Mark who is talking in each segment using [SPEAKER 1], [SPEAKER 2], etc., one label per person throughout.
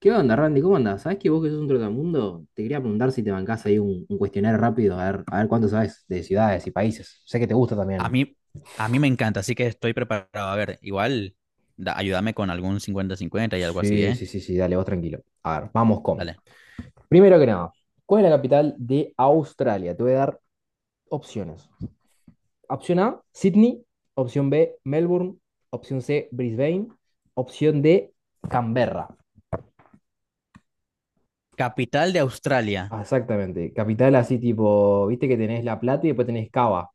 [SPEAKER 1] ¿Qué onda, Randy? ¿Cómo andás? ¿Sabés que vos que sos un trotamundo? Te quería preguntar si te bancás ahí un cuestionario rápido, a ver cuánto sabes de ciudades y países. Sé que te gusta
[SPEAKER 2] A
[SPEAKER 1] también.
[SPEAKER 2] mí, a mí, me encanta, así que estoy preparado. A ver, igual, ayúdame con algún 50-50 y algo así,
[SPEAKER 1] Sí,
[SPEAKER 2] ¿eh?
[SPEAKER 1] sí, sí, sí, dale, vos tranquilo. A ver, vamos con.
[SPEAKER 2] Dale.
[SPEAKER 1] Primero que nada, ¿cuál es la capital de Australia? Te voy a dar opciones. Opción A, Sydney. Opción B, Melbourne. Opción C, Brisbane. Opción D, Canberra.
[SPEAKER 2] Capital de Australia.
[SPEAKER 1] Ah, exactamente. Capital así tipo, viste que tenés La Plata y después tenés Cava.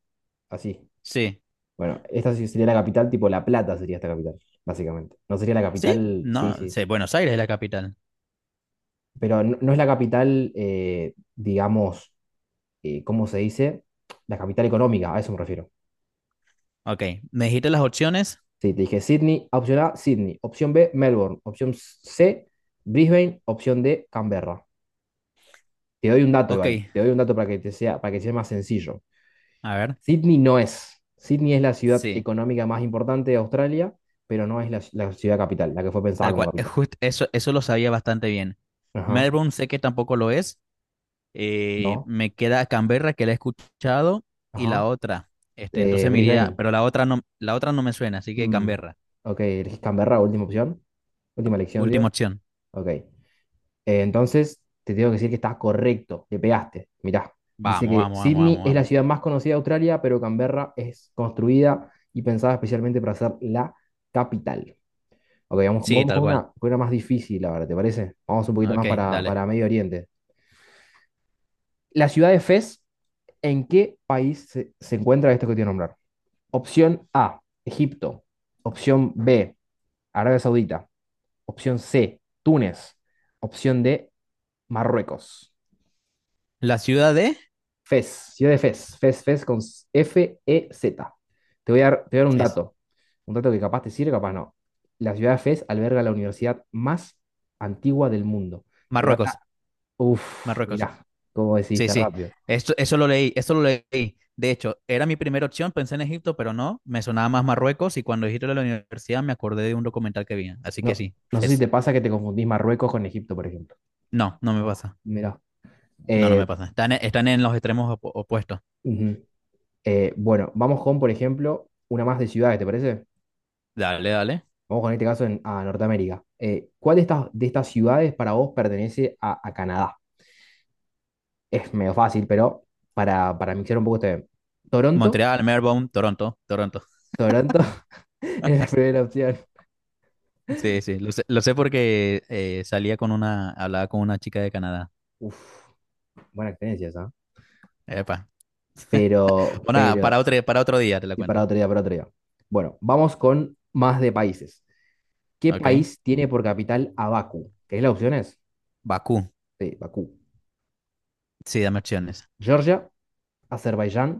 [SPEAKER 1] Así.
[SPEAKER 2] Sí.
[SPEAKER 1] Bueno, esta sí sería la capital, tipo La Plata sería esta capital, básicamente. No sería la
[SPEAKER 2] ¿Sí?
[SPEAKER 1] capital, sí,
[SPEAKER 2] No,
[SPEAKER 1] sí.
[SPEAKER 2] sí, Buenos Aires es la capital.
[SPEAKER 1] Pero no, no es la capital, digamos, ¿cómo se dice? La capital económica, a eso me refiero.
[SPEAKER 2] Ok, ¿me dijiste las opciones?
[SPEAKER 1] Sí, te dije Sydney, opción A, Sydney. Opción B, Melbourne. Opción C, Brisbane. Opción D, Canberra. Te doy un dato,
[SPEAKER 2] Ok,
[SPEAKER 1] igual, te doy un dato para que te sea, para que sea más sencillo.
[SPEAKER 2] a ver.
[SPEAKER 1] Sydney no es. Sydney es la ciudad
[SPEAKER 2] Sí,
[SPEAKER 1] económica más importante de Australia, pero no es la ciudad capital, la que fue pensada
[SPEAKER 2] tal
[SPEAKER 1] como
[SPEAKER 2] cual. Es
[SPEAKER 1] capital.
[SPEAKER 2] jus- eso, eso lo sabía bastante bien.
[SPEAKER 1] Ajá,
[SPEAKER 2] Melbourne sé que tampoco lo es.
[SPEAKER 1] no,
[SPEAKER 2] Me queda Canberra, que la he escuchado, y
[SPEAKER 1] ajá.
[SPEAKER 2] la otra. Entonces me iría,
[SPEAKER 1] Brisbane.
[SPEAKER 2] pero la otra no me suena, así que
[SPEAKER 1] Mm,
[SPEAKER 2] Canberra.
[SPEAKER 1] ok, elegís Canberra, última opción. Última elección,
[SPEAKER 2] Última
[SPEAKER 1] digo.
[SPEAKER 2] opción.
[SPEAKER 1] Ok. Entonces, te tengo que decir que estás correcto. Le pegaste. Mirá. Dice
[SPEAKER 2] Vamos,
[SPEAKER 1] que
[SPEAKER 2] vamos, vamos,
[SPEAKER 1] Sydney
[SPEAKER 2] vamos,
[SPEAKER 1] es la
[SPEAKER 2] vamos.
[SPEAKER 1] ciudad más conocida de Australia, pero Canberra es construida y pensada especialmente para ser la capital. Ok, vamos,
[SPEAKER 2] Sí,
[SPEAKER 1] vamos
[SPEAKER 2] tal cual.
[SPEAKER 1] con una más difícil ahora, ¿te parece? Vamos un poquito
[SPEAKER 2] Ok,
[SPEAKER 1] más
[SPEAKER 2] dale.
[SPEAKER 1] para Medio Oriente. La ciudad de Fez, ¿en qué país se encuentra esto que te voy a nombrar? Opción A, Egipto. Opción B, Arabia Saudita. Opción C, Túnez. Opción D, Marruecos.
[SPEAKER 2] La ciudad de
[SPEAKER 1] Fez, ciudad de Fez. Fez, Fez con FEZ. Te voy a dar, te voy a dar un
[SPEAKER 2] es
[SPEAKER 1] dato. Un dato que capaz te sirve, capaz no. La ciudad de Fez alberga la universidad más antigua del mundo. Que data.
[SPEAKER 2] Marruecos,
[SPEAKER 1] Uf,
[SPEAKER 2] Marruecos.
[SPEAKER 1] mirá, cómo
[SPEAKER 2] Sí,
[SPEAKER 1] decidiste
[SPEAKER 2] sí.
[SPEAKER 1] rápido.
[SPEAKER 2] Esto, eso lo leí, eso lo leí. De hecho, era mi primera opción, pensé en Egipto, pero no, me sonaba más Marruecos y cuando dijiste lo de la universidad me acordé de un documental que vi. Así que
[SPEAKER 1] No,
[SPEAKER 2] sí,
[SPEAKER 1] no sé si
[SPEAKER 2] es.
[SPEAKER 1] te pasa que te confundís Marruecos con Egipto, por ejemplo.
[SPEAKER 2] No, no me pasa.
[SPEAKER 1] Mirá.
[SPEAKER 2] No, no
[SPEAKER 1] Eh,
[SPEAKER 2] me pasa. Están, están en los extremos opuestos.
[SPEAKER 1] ujú. Bueno, vamos con, por ejemplo, una más de ciudades, ¿te parece?
[SPEAKER 2] Dale, dale.
[SPEAKER 1] Vamos con este caso en, a Norteamérica. ¿Cuál de estas ciudades para vos pertenece a Canadá? Es medio fácil, pero para mixar un poco este. Toronto,
[SPEAKER 2] Montreal, Melbourne, Toronto, Toronto.
[SPEAKER 1] Toronto es la primera opción.
[SPEAKER 2] Sí, sí, lo sé porque hablaba con una chica de Canadá.
[SPEAKER 1] Uf, buena experiencia esa. ¿Eh?
[SPEAKER 2] Epa. Bueno,
[SPEAKER 1] Pero,
[SPEAKER 2] para otro día te la
[SPEAKER 1] y para
[SPEAKER 2] cuento.
[SPEAKER 1] otro día, para otro día. Bueno, vamos con más de países. ¿Qué
[SPEAKER 2] Ok.
[SPEAKER 1] país tiene por capital a Bakú? ¿Querés las opciones?
[SPEAKER 2] Bakú.
[SPEAKER 1] Sí, Bakú.
[SPEAKER 2] Sí, dame opciones.
[SPEAKER 1] Georgia, Azerbaiyán,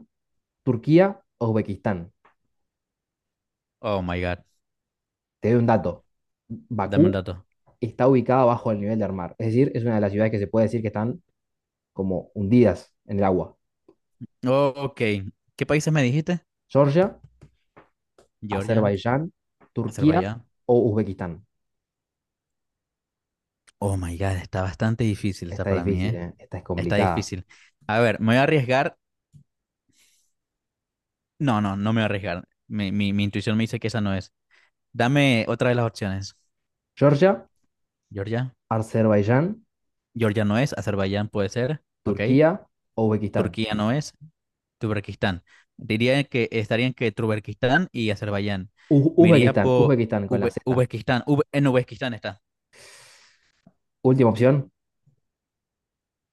[SPEAKER 1] Turquía, Uzbekistán.
[SPEAKER 2] Oh my God.
[SPEAKER 1] Te doy un dato.
[SPEAKER 2] Dame un
[SPEAKER 1] Bakú
[SPEAKER 2] dato.
[SPEAKER 1] está ubicada bajo el nivel del mar. Es decir, es una de las ciudades que se puede decir que están como hundidas en el agua.
[SPEAKER 2] Oh, ok. ¿Qué países me dijiste?
[SPEAKER 1] Georgia,
[SPEAKER 2] Georgia,
[SPEAKER 1] Azerbaiyán, Turquía
[SPEAKER 2] Azerbaiyán.
[SPEAKER 1] o Uzbekistán.
[SPEAKER 2] Oh my God. Está bastante difícil esta
[SPEAKER 1] Esta es
[SPEAKER 2] para mí,
[SPEAKER 1] difícil,
[SPEAKER 2] ¿eh?
[SPEAKER 1] ¿eh? Esta es
[SPEAKER 2] Está
[SPEAKER 1] complicada.
[SPEAKER 2] difícil. A ver, me voy a arriesgar. No, no, no me voy a arriesgar. Mi intuición me dice que esa no es. Dame otra de las opciones.
[SPEAKER 1] Georgia,
[SPEAKER 2] Georgia.
[SPEAKER 1] Azerbaiyán,
[SPEAKER 2] Georgia no es. Azerbaiyán puede ser. Ok.
[SPEAKER 1] Turquía o Uzbekistán.
[SPEAKER 2] Turquía no es. Turberquistán. Diría que estarían que Turberquistán y Azerbaiyán. Me iría
[SPEAKER 1] Uzbekistán,
[SPEAKER 2] por
[SPEAKER 1] Uzbekistán con la Z.
[SPEAKER 2] Uzbekistán. En Uzbekistán está.
[SPEAKER 1] Última opción.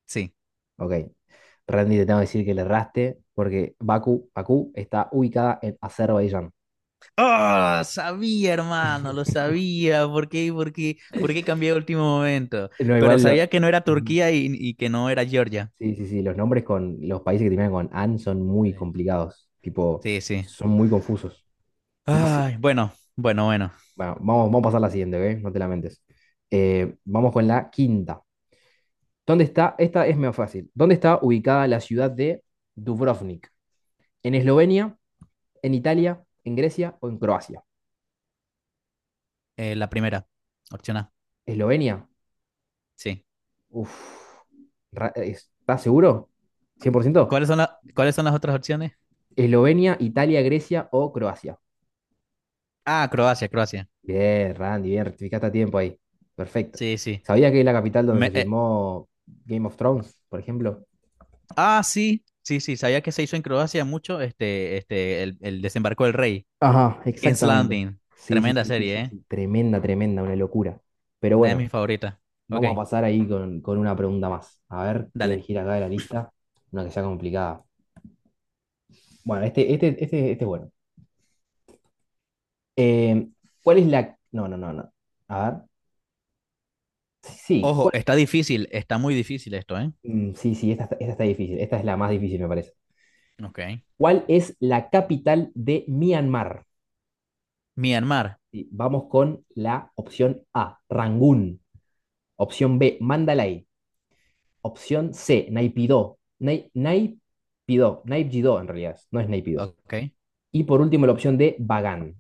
[SPEAKER 2] Sí.
[SPEAKER 1] Ok. Randy, te tengo que decir que le erraste porque Bakú, Bakú está ubicada en Azerbaiyán.
[SPEAKER 2] Ah, sabía, hermano, lo sabía. ¿Por qué cambié de último momento?
[SPEAKER 1] No,
[SPEAKER 2] Pero
[SPEAKER 1] igual lo...
[SPEAKER 2] sabía que no era
[SPEAKER 1] Ujú.
[SPEAKER 2] Turquía y que no era Georgia.
[SPEAKER 1] Sí, sí, sí, los nombres con los países que terminan con AN son muy
[SPEAKER 2] Sí,
[SPEAKER 1] complicados, tipo,
[SPEAKER 2] sí, sí.
[SPEAKER 1] son muy confusos. Más si-
[SPEAKER 2] Ay, bueno, bueno, bueno.
[SPEAKER 1] bueno, vamos, vamos a pasar a la siguiente, ¿ok? No te lamentes. Vamos con la quinta. ¿Dónde está? Esta es medio fácil. ¿Dónde está ubicada la ciudad de Dubrovnik? ¿En Eslovenia? ¿En Italia? ¿En Grecia o en Croacia?
[SPEAKER 2] La primera, opción A.
[SPEAKER 1] ¿Eslovenia?
[SPEAKER 2] Sí.
[SPEAKER 1] Uf. ¿Estás seguro? ¿Cien por ciento?
[SPEAKER 2] ¿Cuáles son cuáles son las otras opciones?
[SPEAKER 1] ¿Eslovenia, Italia, Grecia o Croacia?
[SPEAKER 2] Ah, Croacia, Croacia.
[SPEAKER 1] Bien, Randy, bien, rectificaste a tiempo ahí. Perfecto.
[SPEAKER 2] Sí, sí.
[SPEAKER 1] ¿Sabía que es la capital donde se filmó Game of Thrones, por ejemplo?
[SPEAKER 2] Ah, sí, sí, sí, sabía que se hizo en Croacia mucho el desembarco del rey.
[SPEAKER 1] Ajá,
[SPEAKER 2] King's
[SPEAKER 1] exactamente.
[SPEAKER 2] Landing.
[SPEAKER 1] Sí, sí,
[SPEAKER 2] Tremenda
[SPEAKER 1] sí, sí,
[SPEAKER 2] serie,
[SPEAKER 1] sí,
[SPEAKER 2] ¿eh?
[SPEAKER 1] sí. Tremenda, tremenda, una locura. Pero
[SPEAKER 2] Una de
[SPEAKER 1] bueno,
[SPEAKER 2] mis favoritas. Ok,
[SPEAKER 1] vamos a pasar ahí con una pregunta más. A ver, voy a
[SPEAKER 2] dale.
[SPEAKER 1] elegir acá de la lista una que sea complicada. Bueno, este es bueno. Eh, ¿Cuál es la...? No, no, no, no. A ver. Sí, sí.
[SPEAKER 2] Ojo, está difícil, está muy difícil esto, ¿eh?
[SPEAKER 1] Mm, sí, sí, esta, esta está difícil. Esta es la más difícil, me parece.
[SPEAKER 2] Ok.
[SPEAKER 1] ¿Cuál es la capital de Myanmar?
[SPEAKER 2] Myanmar.
[SPEAKER 1] Y vamos con la opción A, Rangún. Opción B, Mandalay. Opción C, Naipidó. Naipidó, Naipjidó en realidad, no es Naipidó.
[SPEAKER 2] Ok.
[SPEAKER 1] Y por último la opción D, Bagán.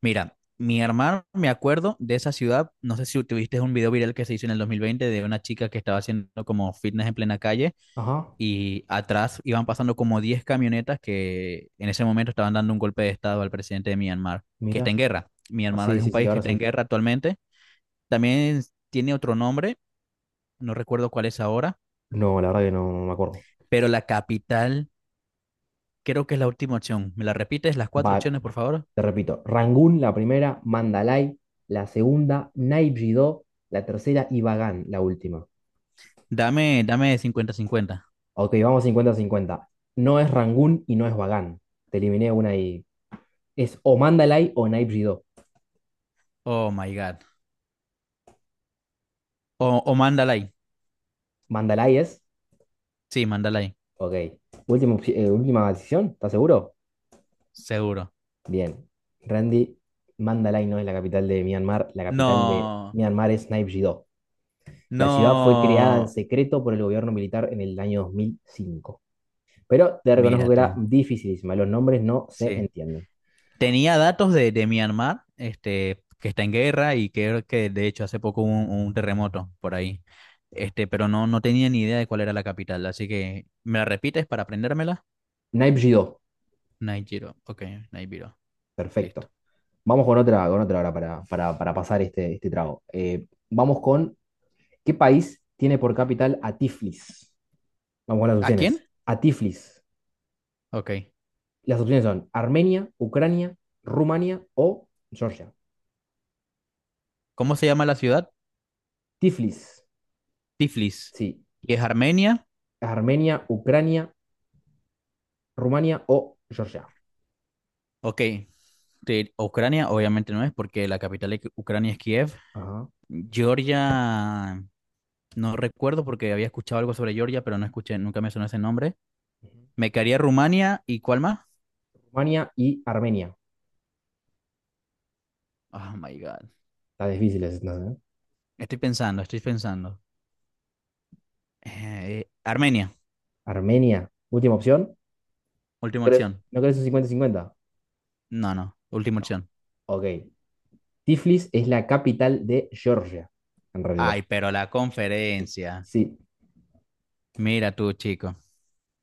[SPEAKER 2] Mira, Myanmar, me acuerdo de esa ciudad. No sé si tuviste un video viral que se hizo en el 2020 de una chica que estaba haciendo como fitness en plena calle
[SPEAKER 1] Ajá,
[SPEAKER 2] y atrás iban pasando como 10 camionetas que en ese momento estaban dando un golpe de estado al presidente de Myanmar, que está
[SPEAKER 1] mira.
[SPEAKER 2] en guerra.
[SPEAKER 1] Ah,
[SPEAKER 2] Myanmar
[SPEAKER 1] sí,
[SPEAKER 2] es un
[SPEAKER 1] sí, sí,
[SPEAKER 2] país que
[SPEAKER 1] ahora
[SPEAKER 2] está en
[SPEAKER 1] sí.
[SPEAKER 2] guerra actualmente. También tiene otro nombre, no recuerdo cuál es ahora,
[SPEAKER 1] No, la verdad que no, no me acuerdo.
[SPEAKER 2] pero la capital creo que es la última opción. ¿Me la repites las cuatro
[SPEAKER 1] Ba-
[SPEAKER 2] opciones, por favor?
[SPEAKER 1] te repito, Rangún la primera, Mandalay la segunda, Naipjidó la tercera y Bagán la última.
[SPEAKER 2] Dame 50-50.
[SPEAKER 1] Ok, vamos 50 cincuenta. No es Rangún y no es Bagán. Te eliminé una y es o Mandalay o Naipjidó.
[SPEAKER 2] Oh my God. O Mandalay.
[SPEAKER 1] Mandalay es.
[SPEAKER 2] Sí, Mandalay.
[SPEAKER 1] Ok. Última decisión, ¿estás seguro?
[SPEAKER 2] Seguro.
[SPEAKER 1] Bien. Randy, Mandalay no es la capital de Myanmar. La capital de
[SPEAKER 2] No,
[SPEAKER 1] Myanmar es Naypyidaw. La ciudad fue creada en
[SPEAKER 2] no.
[SPEAKER 1] secreto por el gobierno militar en el año 2005. Pero te reconozco
[SPEAKER 2] Mira
[SPEAKER 1] que era
[SPEAKER 2] tú.
[SPEAKER 1] dificilísima. Los nombres no se
[SPEAKER 2] Sí.
[SPEAKER 1] entienden.
[SPEAKER 2] Tenía datos de Myanmar, que está en guerra y que de hecho hace poco hubo un terremoto por ahí. Pero no, no tenía ni idea de cuál era la capital, así que ¿me la repites para aprendérmela?
[SPEAKER 1] Naypyidaw.
[SPEAKER 2] Naijiro, ok, Naijiro, listo.
[SPEAKER 1] Perfecto. Vamos con otra ahora para pasar este, este trago. Vamos con, ¿qué país tiene por capital a Tiflis? Vamos con las
[SPEAKER 2] ¿A quién?
[SPEAKER 1] opciones. A Tiflis.
[SPEAKER 2] Ok.
[SPEAKER 1] Las opciones son Armenia, Ucrania, Rumania o Georgia.
[SPEAKER 2] ¿Cómo se llama la ciudad?
[SPEAKER 1] Tiflis,
[SPEAKER 2] Tiflis.
[SPEAKER 1] sí.
[SPEAKER 2] ¿Y es Armenia?
[SPEAKER 1] Armenia, Ucrania, Rumania o Georgia.
[SPEAKER 2] Ok. De Ucrania, obviamente no es, porque la capital de Ucrania es Kiev.
[SPEAKER 1] Ajá.
[SPEAKER 2] Georgia, no recuerdo porque había escuchado algo sobre Georgia, pero no escuché, nunca me sonó ese nombre. Me quedaría Rumania y ¿cuál más?
[SPEAKER 1] Rumania y Armenia.
[SPEAKER 2] Oh my God.
[SPEAKER 1] Está difícil es, no sé.
[SPEAKER 2] Estoy pensando, estoy pensando. Armenia,
[SPEAKER 1] Armenia, última opción. ¿No
[SPEAKER 2] última
[SPEAKER 1] crees,
[SPEAKER 2] opción.
[SPEAKER 1] no crees un cincuenta-cincuenta?
[SPEAKER 2] No, no, última opción.
[SPEAKER 1] Ok. Tiflis es la capital de Georgia, en realidad.
[SPEAKER 2] Ay, pero la conferencia.
[SPEAKER 1] Sí,
[SPEAKER 2] Mira tú, chico.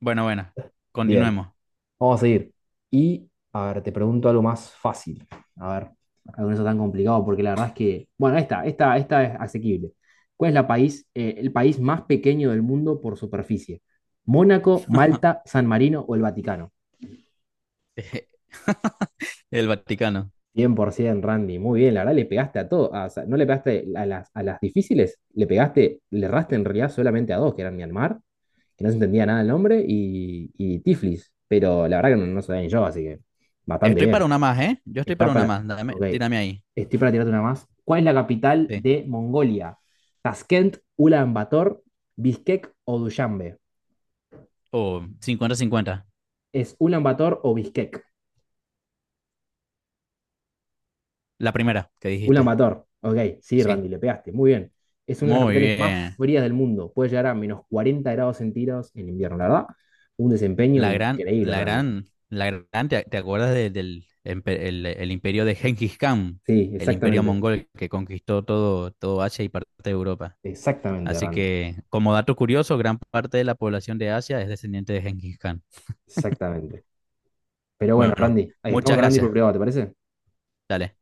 [SPEAKER 2] Bueno, bueno,
[SPEAKER 1] bien.
[SPEAKER 2] continuemos.
[SPEAKER 1] Vamos a seguir. Y, a ver, te pregunto algo más fácil. A ver, acá con eso tan complicado, porque la verdad es que, bueno, esta es asequible. ¿Cuál es la país, el país más pequeño del mundo por superficie? ¿Mónaco, Malta, San Marino o el Vaticano?
[SPEAKER 2] El Vaticano.
[SPEAKER 1] 100%, Randy. Muy bien, la verdad le pegaste a todo. O sea, no le pegaste a las difíciles, le pegaste, le erraste en realidad solamente a dos, que eran Myanmar, que no se entendía nada el nombre, y Tiflis. Pero la verdad que no, no sabía ni yo, así que bastante
[SPEAKER 2] Estoy para
[SPEAKER 1] bien.
[SPEAKER 2] una más, ¿eh? Yo estoy para
[SPEAKER 1] Está
[SPEAKER 2] una
[SPEAKER 1] para.
[SPEAKER 2] más.
[SPEAKER 1] Ok.
[SPEAKER 2] Tírame ahí.
[SPEAKER 1] Estoy para tirarte una más. ¿Cuál es la capital
[SPEAKER 2] Sí.
[SPEAKER 1] de Mongolia? ¿Tashkent, Ulan Bator, Bishkek o Dushanbe?
[SPEAKER 2] Oh, 50-50.
[SPEAKER 1] ¿Es Ulan Bator o Bishkek?
[SPEAKER 2] La primera que
[SPEAKER 1] Ulan
[SPEAKER 2] dijiste.
[SPEAKER 1] Bator. Ok, sí,
[SPEAKER 2] Sí.
[SPEAKER 1] Randy, le pegaste. Muy bien. Es una de las
[SPEAKER 2] Muy
[SPEAKER 1] capitales más
[SPEAKER 2] bien.
[SPEAKER 1] frías del mundo. Puede llegar a menos 40 grados centígrados en invierno, la verdad. Un desempeño
[SPEAKER 2] La gran,
[SPEAKER 1] increíble,
[SPEAKER 2] la
[SPEAKER 1] Randy.
[SPEAKER 2] gran, la gran, ¿te acuerdas el imperio de Genghis Khan,
[SPEAKER 1] Sí,
[SPEAKER 2] el imperio
[SPEAKER 1] exactamente.
[SPEAKER 2] mongol que conquistó todo, todo Asia y parte de Europa?
[SPEAKER 1] Exactamente,
[SPEAKER 2] Así
[SPEAKER 1] Randy.
[SPEAKER 2] que, como dato curioso, gran parte de la población de Asia es descendiente de Genghis Khan.
[SPEAKER 1] Exactamente. Pero bueno,
[SPEAKER 2] Bueno,
[SPEAKER 1] Randy, ahí estamos
[SPEAKER 2] muchas
[SPEAKER 1] hablando y por
[SPEAKER 2] gracias.
[SPEAKER 1] privado, ¿te parece?
[SPEAKER 2] Dale.